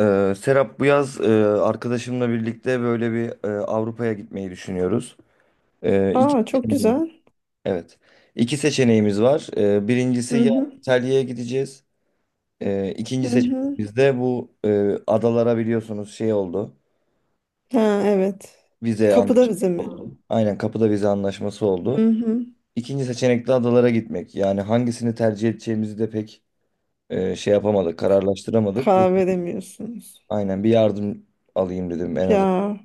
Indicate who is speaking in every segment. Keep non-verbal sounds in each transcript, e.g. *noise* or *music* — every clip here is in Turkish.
Speaker 1: Serap, bu yaz arkadaşımla birlikte böyle bir Avrupa'ya gitmeyi düşünüyoruz. İki
Speaker 2: Aa çok
Speaker 1: seçeneğimiz,
Speaker 2: güzel.
Speaker 1: evet. İki seçeneğimiz var. Birincisi
Speaker 2: Hı
Speaker 1: ya
Speaker 2: hı.
Speaker 1: İtalya'ya gideceğiz.
Speaker 2: Hı
Speaker 1: İkinci
Speaker 2: hı.
Speaker 1: seçeneğimiz de bu adalara, biliyorsunuz, şey oldu.
Speaker 2: Ha evet.
Speaker 1: Vize
Speaker 2: Kapıda
Speaker 1: anlaşması
Speaker 2: bize mi?
Speaker 1: oldu. Aynen, kapıda vize anlaşması
Speaker 2: Hı
Speaker 1: oldu.
Speaker 2: hı.
Speaker 1: İkinci seçenek de adalara gitmek. Yani hangisini tercih edeceğimizi de pek şey yapamadık, kararlaştıramadık.
Speaker 2: Karar veremiyorsunuz.
Speaker 1: Aynen, bir yardım alayım dedim en azından.
Speaker 2: Ya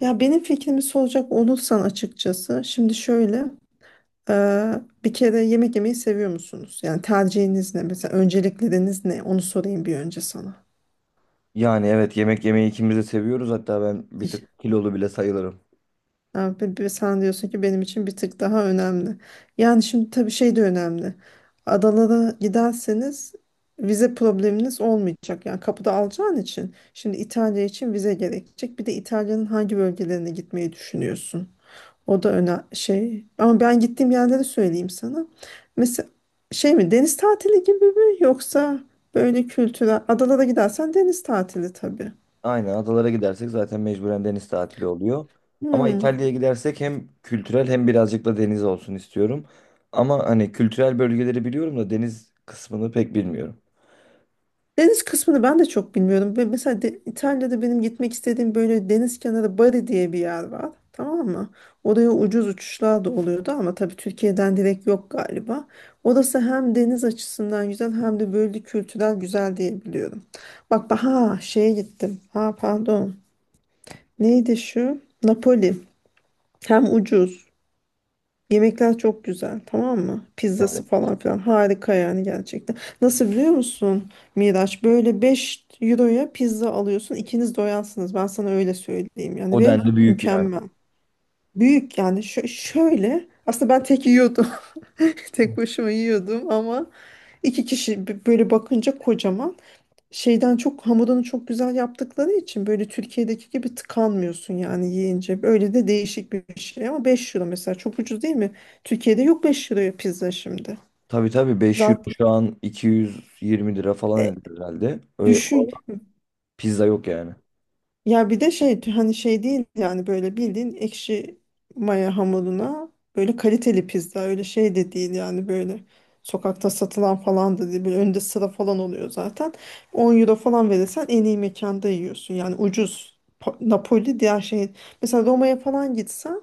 Speaker 2: ya benim fikrimi soracak olursan, açıkçası, şimdi şöyle e, bir kere, yemek yemeyi seviyor musunuz? Yani tercihiniz ne? Mesela öncelikleriniz ne? Onu sorayım bir önce sana.
Speaker 1: Yani evet, yemek yemeyi ikimiz de seviyoruz. Hatta ben bir tık kilolu bile sayılırım.
Speaker 2: Ha, sen diyorsun ki benim için bir tık daha önemli. Yani şimdi tabii şey de önemli. Adana'da giderseniz vize probleminiz olmayacak. Yani kapıda alacağın için. Şimdi İtalya için vize gerekecek. Bir de İtalya'nın hangi bölgelerine gitmeyi düşünüyorsun? O da öne şey. Ama ben gittiğim yerleri söyleyeyim sana. Mesela şey mi, deniz tatili gibi mi, yoksa böyle kültürel? Adalara gidersen deniz tatili tabii.
Speaker 1: Aynen, adalara gidersek zaten mecburen deniz tatili oluyor. Ama
Speaker 2: Hmm.
Speaker 1: İtalya'ya gidersek hem kültürel hem birazcık da deniz olsun istiyorum. Ama hani kültürel bölgeleri biliyorum da deniz kısmını pek bilmiyorum.
Speaker 2: Deniz kısmını ben de çok bilmiyorum. Ve mesela İtalya'da benim gitmek istediğim böyle deniz kenarı, Bari diye bir yer var. Tamam mı? Oraya ucuz uçuşlar da oluyordu ama tabii Türkiye'den direkt yok galiba. Orası hem deniz açısından güzel hem de böyle kültürel güzel diye biliyorum. Bak ha şeye gittim. Ha, pardon. Neydi şu? Napoli. Hem ucuz. Yemekler çok güzel, tamam mı? Pizzası falan filan harika yani, gerçekten. Nasıl, biliyor musun Miraç? Böyle 5 euroya pizza alıyorsun. İkiniz doyarsınız. Ben sana öyle söyleyeyim yani,
Speaker 1: O
Speaker 2: ve
Speaker 1: denli büyük yani.
Speaker 2: mükemmel. Büyük yani. Şöyle aslında ben tek yiyordum. *laughs* Tek başıma yiyordum ama iki kişi böyle bakınca kocaman, şeyden çok hamurunu çok güzel yaptıkları için böyle Türkiye'deki gibi tıkanmıyorsun yani yiyince. Böyle de değişik bir şey, ama 5 euro mesela çok ucuz değil mi? Türkiye'de yok 5 euroya pizza şimdi.
Speaker 1: Tabii, tabii, 5 euro
Speaker 2: Zaten
Speaker 1: şu an 220 lira falan
Speaker 2: e,
Speaker 1: eder herhalde. Öyle
Speaker 2: düşün.
Speaker 1: pizza yok yani.
Speaker 2: Ya bir de şey, hani şey değil yani, böyle bildiğin ekşi maya hamuruna böyle kaliteli pizza, öyle şey de değil yani, böyle sokakta satılan falan da değil, böyle önde sıra falan oluyor zaten. 10 euro falan verirsen en iyi mekanda yiyorsun yani, ucuz. Napoli diğer şey, mesela Roma'ya falan gitsen,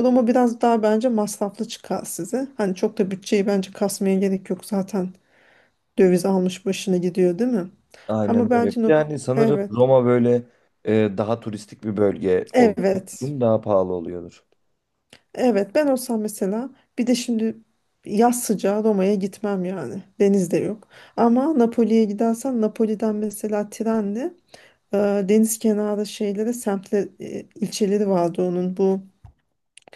Speaker 2: Roma biraz daha bence masraflı çıkar size, hani çok da bütçeyi bence kasmaya gerek yok zaten, döviz almış başına gidiyor, değil mi? ama
Speaker 1: Aynen öyle.
Speaker 2: belki Nap-
Speaker 1: Yani sanırım
Speaker 2: evet,
Speaker 1: Roma böyle daha turistik bir bölge olduğu
Speaker 2: evet.
Speaker 1: için daha pahalı oluyordur.
Speaker 2: Evet, ben olsam mesela, bir de şimdi yaz sıcağı Roma'ya gitmem yani. Deniz de yok. Ama Napoli'ye gidersem Napoli'den mesela trenle e, deniz kenarı şeylere, semtle ilçeleri vardı onun. Bu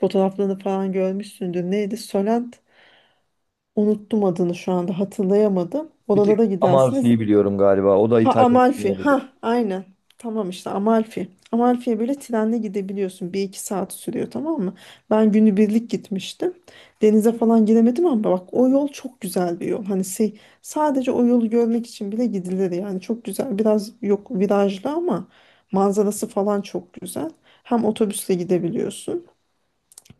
Speaker 2: fotoğraflarını falan görmüşsündür. Neydi? Solent, unuttum adını, şu anda hatırlayamadım.
Speaker 1: Bir tek
Speaker 2: Oralara gidersiniz.
Speaker 1: Amalfi'yi biliyorum galiba. O da
Speaker 2: Ha,
Speaker 1: İtalya'da
Speaker 2: Amalfi.
Speaker 1: olabilir.
Speaker 2: Ha, aynen. Tamam işte, Amalfi. Amalfi'ye böyle trenle gidebiliyorsun. Bir iki saat sürüyor, tamam mı? Ben günübirlik gitmiştim. Denize falan giremedim ama bak, o yol çok güzel bir yol. Hani şey, sadece o yolu görmek için bile gidilir yani. Çok güzel. Biraz yok, virajlı ama manzarası falan çok güzel. Hem otobüsle gidebiliyorsun.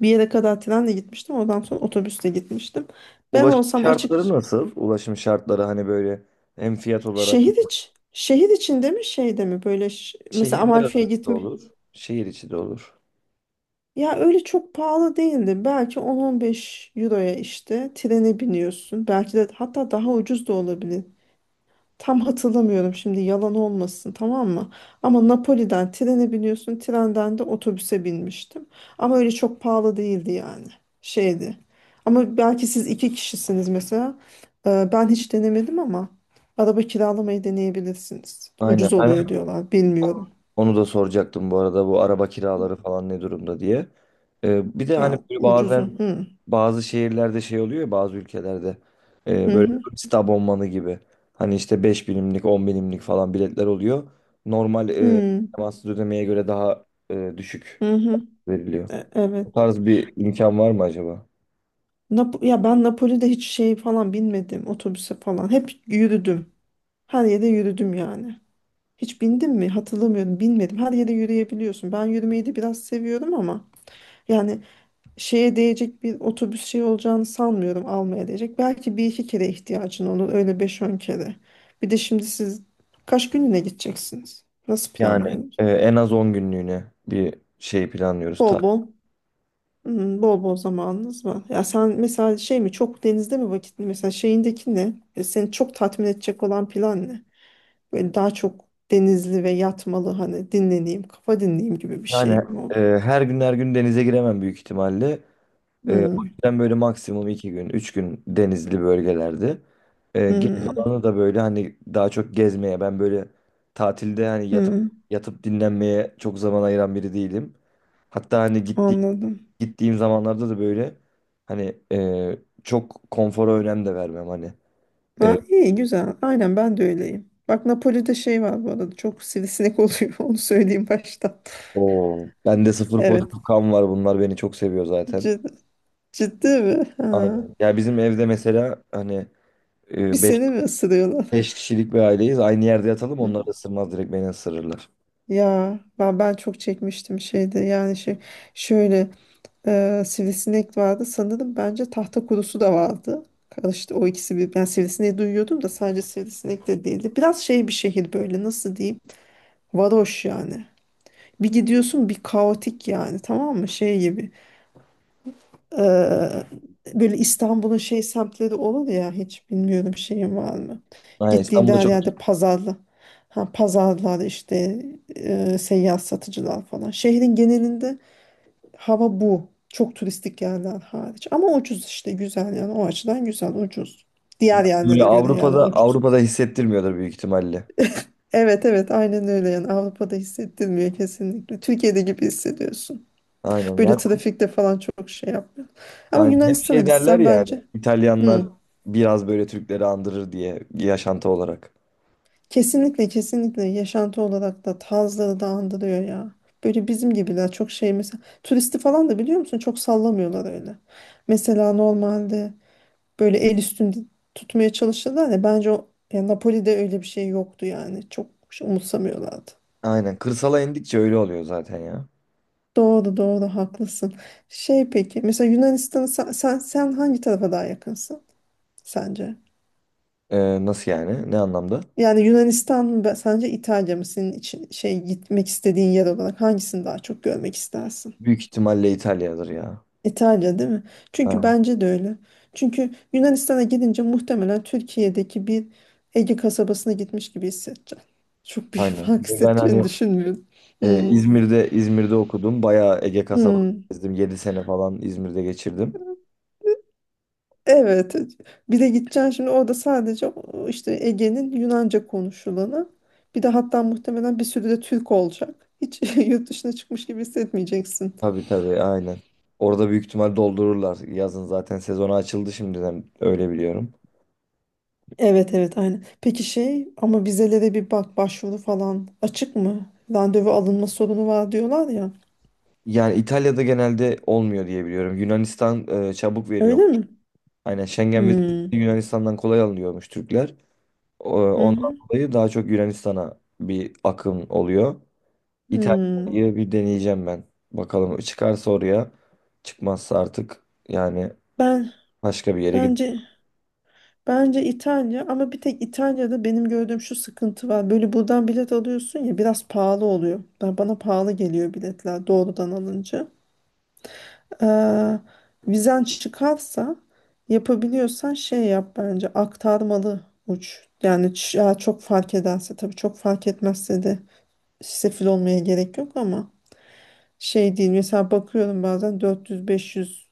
Speaker 2: Bir yere kadar trenle gitmiştim. Oradan sonra otobüsle gitmiştim. Ben
Speaker 1: Ulaşım
Speaker 2: olsam açık.
Speaker 1: şartları nasıl? Ulaşım şartları hani böyle hem fiyat olarak
Speaker 2: Şehir içinde mi şeyde mi, böyle mesela
Speaker 1: şehirler
Speaker 2: Amalfi'ye
Speaker 1: arası da
Speaker 2: gitme.
Speaker 1: olur. Şehir içi de olur.
Speaker 2: Ya, öyle çok pahalı değildi. Belki 10-15 euroya işte trene biniyorsun. Belki de hatta daha ucuz da olabilir. Tam hatırlamıyorum şimdi, yalan olmasın, tamam mı? Ama Napoli'den trene biniyorsun, trenden de otobüse binmiştim. Ama öyle çok pahalı değildi yani. Şeydi. Ama belki siz iki kişisiniz mesela. Ben hiç denemedim ama araba kiralamayı deneyebilirsiniz.
Speaker 1: Aynen.
Speaker 2: Ucuz
Speaker 1: Ben
Speaker 2: oluyor
Speaker 1: hep
Speaker 2: diyorlar. Bilmiyorum.
Speaker 1: onu da soracaktım bu arada, bu araba kiraları falan ne durumda diye. Bir de hani
Speaker 2: Ya,
Speaker 1: böyle
Speaker 2: ucuzu.
Speaker 1: bazen
Speaker 2: Hı
Speaker 1: bazı şehirlerde şey oluyor ya, bazı ülkelerde
Speaker 2: hı,
Speaker 1: böyle
Speaker 2: hı
Speaker 1: turist abonmanı gibi. Hani işte 5 binimlik, 10 binimlik falan biletler oluyor. Normal
Speaker 2: hı.
Speaker 1: temassız ödemeye göre daha düşük
Speaker 2: Hı hı.
Speaker 1: veriliyor.
Speaker 2: Evet.
Speaker 1: O tarz bir imkan var mı acaba?
Speaker 2: Ya, ben Napoli'de hiç şey falan binmedim otobüse falan. Hep yürüdüm. Her yere yürüdüm yani. Hiç bindim mi? Hatırlamıyorum. Binmedim. Her yere yürüyebiliyorsun. Ben yürümeyi de biraz seviyorum ama yani şeye değecek bir otobüs şey olacağını sanmıyorum, almaya değecek. Belki bir iki kere ihtiyacın olur. Öyle beş on kere. Bir de şimdi siz kaç günlüğüne gideceksiniz? Nasıl
Speaker 1: Yani
Speaker 2: planlıyorsunuz?
Speaker 1: en az 10 günlüğüne bir şey planlıyoruz. Ta.
Speaker 2: Bol bol. Hmm, bol bol zamanınız var. Ya sen mesela şey mi, çok denizde mi vakit, mesela şeyindeki ne? Seni çok tatmin edecek olan plan ne? Böyle daha çok denizli ve yatmalı, hani dinleneyim, kafa dinleyeyim gibi bir şey
Speaker 1: Yani
Speaker 2: mi?
Speaker 1: her gün her gün denize giremem büyük ihtimalle. O
Speaker 2: Hmm.
Speaker 1: yüzden böyle maksimum 2 gün, 3 gün denizli bölgelerde. Geri
Speaker 2: Hmm.
Speaker 1: kalanı da böyle hani daha çok gezmeye. Ben böyle tatilde hani yatıp
Speaker 2: Hmm.
Speaker 1: yatıp dinlenmeye çok zaman ayıran biri değilim. Hatta hani
Speaker 2: Anladım.
Speaker 1: gittiğim zamanlarda da böyle hani çok konfora önem de vermem hani. E,
Speaker 2: Ha, iyi güzel. Aynen, ben de öyleyim. Bak, Napoli'de şey var bu arada. Çok sivrisinek oluyor. *laughs* Onu söyleyeyim baştan.
Speaker 1: Oo. Bende sıfır
Speaker 2: Evet.
Speaker 1: pozitif kan var. Bunlar beni çok seviyor zaten.
Speaker 2: Ciddi, ciddi mi? Ha.
Speaker 1: Aynen. Ya bizim evde mesela hani
Speaker 2: Bir
Speaker 1: beş
Speaker 2: seni mi ısırıyorlar?
Speaker 1: kişilik bir aileyiz. Aynı yerde yatalım,
Speaker 2: Hı
Speaker 1: onlar
Speaker 2: hı.
Speaker 1: ısırmaz, direkt beni ısırırlar.
Speaker 2: Ya, ben çok çekmiştim şeyde. Yani şey şöyle sivrisinek vardı. Sanırım, bence tahta kurusu da vardı. Karıştı o ikisi bir. Ben sivrisineği duyuyordum da sadece sivrisinek de değildi. Biraz şey bir şehir, böyle nasıl diyeyim? Varoş yani. Bir gidiyorsun, bir kaotik yani, tamam mı, şey gibi. Ee, böyle İstanbul'un şey semtleri olur ya, hiç bilmiyorum şeyin var mı
Speaker 1: Aynen,
Speaker 2: gittiğinde,
Speaker 1: İstanbul'da
Speaker 2: her
Speaker 1: çok
Speaker 2: yerde pazarlı. Ha, pazarlar işte, seyyar satıcılar falan şehrin genelinde hava bu, çok turistik yerler hariç ama ucuz işte, güzel yani o açıdan, güzel ucuz diğer
Speaker 1: böyle
Speaker 2: yerlere göre yani,
Speaker 1: Avrupa'da
Speaker 2: ucuz.
Speaker 1: Avrupa'da hissettirmiyordur büyük ihtimalle.
Speaker 2: Evet, evet, aynen öyle yani. Avrupa'da hissettirmiyor kesinlikle, Türkiye'de gibi hissediyorsun.
Speaker 1: Aynen.
Speaker 2: Böyle
Speaker 1: Zaten
Speaker 2: trafikte falan çok şey yapmıyor. Ama
Speaker 1: aynen. Hep
Speaker 2: Yunanistan'a
Speaker 1: şey derler
Speaker 2: gitsen
Speaker 1: ya hani,
Speaker 2: bence.
Speaker 1: İtalyanlar
Speaker 2: Hı.
Speaker 1: biraz böyle Türkleri andırır diye, yaşantı olarak.
Speaker 2: Kesinlikle kesinlikle, yaşantı olarak da tarzları da andırıyor ya. Böyle bizim gibiler çok şey mesela. Turisti falan da biliyor musun, çok sallamıyorlar öyle. Mesela normalde böyle el üstünde tutmaya çalışırlar ya, bence o ya Napoli'de öyle bir şey yoktu yani. Çok şey umursamıyorlardı.
Speaker 1: Aynen. Kırsala indikçe öyle oluyor zaten ya.
Speaker 2: Doğru doğru, haklısın. Şey, peki mesela Yunanistan'ı, sen hangi tarafa daha yakınsın sence?
Speaker 1: Nasıl yani? Ne anlamda?
Speaker 2: Yani Yunanistan mı sence İtalya mı senin için şey gitmek istediğin yer olarak, hangisini daha çok görmek istersin?
Speaker 1: Büyük ihtimalle İtalya'dır ya.
Speaker 2: İtalya değil mi? Çünkü bence de öyle. Çünkü Yunanistan'a gidince muhtemelen Türkiye'deki bir Ege kasabasına gitmiş gibi hissedeceğim. Çok büyük *laughs*
Speaker 1: Aynen.
Speaker 2: fark
Speaker 1: Ve ben
Speaker 2: hissedeceğini
Speaker 1: hani
Speaker 2: düşünmüyorum. Hmm.
Speaker 1: İzmir'de okudum. Bayağı Ege kasabası
Speaker 2: Hmm.
Speaker 1: gezdim. 7 sene falan İzmir'de geçirdim.
Speaker 2: Evet. Bir de gideceksin şimdi, orada sadece o işte Ege'nin Yunanca konuşulanı. Bir de hatta muhtemelen bir sürü de Türk olacak. Hiç *laughs* yurt dışına çıkmış gibi hissetmeyeceksin.
Speaker 1: Tabii, tabii, aynen. Orada büyük ihtimal doldururlar. Yazın zaten sezonu açıldı, şimdiden öyle biliyorum.
Speaker 2: Evet, evet, aynen. Peki şey, ama vizelere bir bak, başvuru falan açık mı? Randevu alınma sorunu var diyorlar ya.
Speaker 1: Yani İtalya'da genelde olmuyor diye biliyorum. Yunanistan çabuk veriyor.
Speaker 2: Öyle mi?
Speaker 1: Aynen, Schengen vizesi
Speaker 2: Hmm.
Speaker 1: Yunanistan'dan kolay alınıyormuş Türkler.
Speaker 2: Hı
Speaker 1: Ondan
Speaker 2: hı.
Speaker 1: dolayı daha çok Yunanistan'a bir akım oluyor.
Speaker 2: Hmm.
Speaker 1: İtalya'yı bir deneyeceğim ben. Bakalım çıkarsa oraya, çıkmazsa artık yani
Speaker 2: Ben
Speaker 1: başka bir yere gidip,
Speaker 2: bence bence İtalya, ama bir tek İtalya'da benim gördüğüm şu sıkıntı var. Böyle buradan bilet alıyorsun ya, biraz pahalı oluyor. Ben bana pahalı geliyor biletler doğrudan alınca. Eee, vizen çıkarsa, yapabiliyorsan şey yap bence, aktarmalı uç. Yani ya çok fark ederse tabii, çok fark etmezse de sefil olmaya gerek yok ama, şey değil, mesela bakıyorum bazen 400-500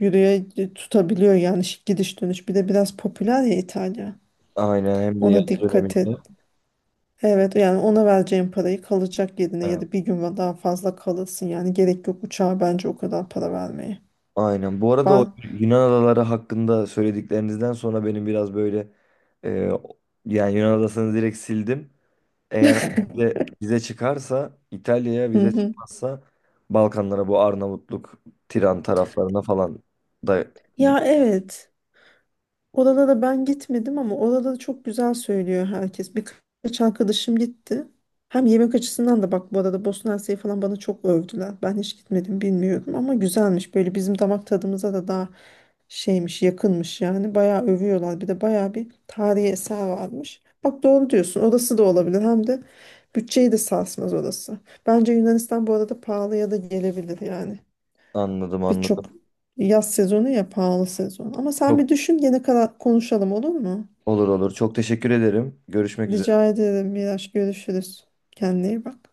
Speaker 2: euroya tutabiliyor yani, gidiş dönüş, bir de biraz popüler ya İtalya,
Speaker 1: aynen, hem de
Speaker 2: ona
Speaker 1: yaz
Speaker 2: dikkat et.
Speaker 1: döneminde.
Speaker 2: Evet, yani ona vereceğin parayı kalacak yerine, ya
Speaker 1: Evet.
Speaker 2: da bir gün daha fazla kalırsın yani, gerek yok uçağa bence o kadar para vermeye.
Speaker 1: Aynen. Bu arada o
Speaker 2: Ben...
Speaker 1: Yunan adaları hakkında söylediklerinizden sonra benim biraz böyle e, yani Yunan adasını direkt sildim. Eğer vize çıkarsa İtalya'ya,
Speaker 2: Hı
Speaker 1: vize
Speaker 2: hı.
Speaker 1: çıkmazsa Balkanlara, bu Arnavutluk, Tiran taraflarına falan da.
Speaker 2: Ya, evet. Orada da ben gitmedim, ama orada da çok güzel söylüyor herkes. Birkaç arkadaşım gitti. Hem yemek açısından da bak bu arada, Bosna Hersek'i falan bana çok övdüler. Ben hiç gitmedim, bilmiyorum ama güzelmiş. Böyle bizim damak tadımıza da daha şeymiş, yakınmış yani. Bayağı övüyorlar. Bir de bayağı bir tarihi eser varmış. Bak, doğru diyorsun. Orası da olabilir. Hem de bütçeyi de sarsmaz orası. Bence Yunanistan bu arada pahalıya da gelebilir yani.
Speaker 1: Anladım,
Speaker 2: Birçok
Speaker 1: anladım.
Speaker 2: yaz sezonu ya pahalı sezon. Ama sen
Speaker 1: Çok
Speaker 2: bir düşün, gene kadar konuşalım, olur mu?
Speaker 1: olur, olur. Çok teşekkür ederim. Görüşmek
Speaker 2: Rica
Speaker 1: üzere.
Speaker 2: ederim Miraç, görüşürüz. Kendine iyi bak.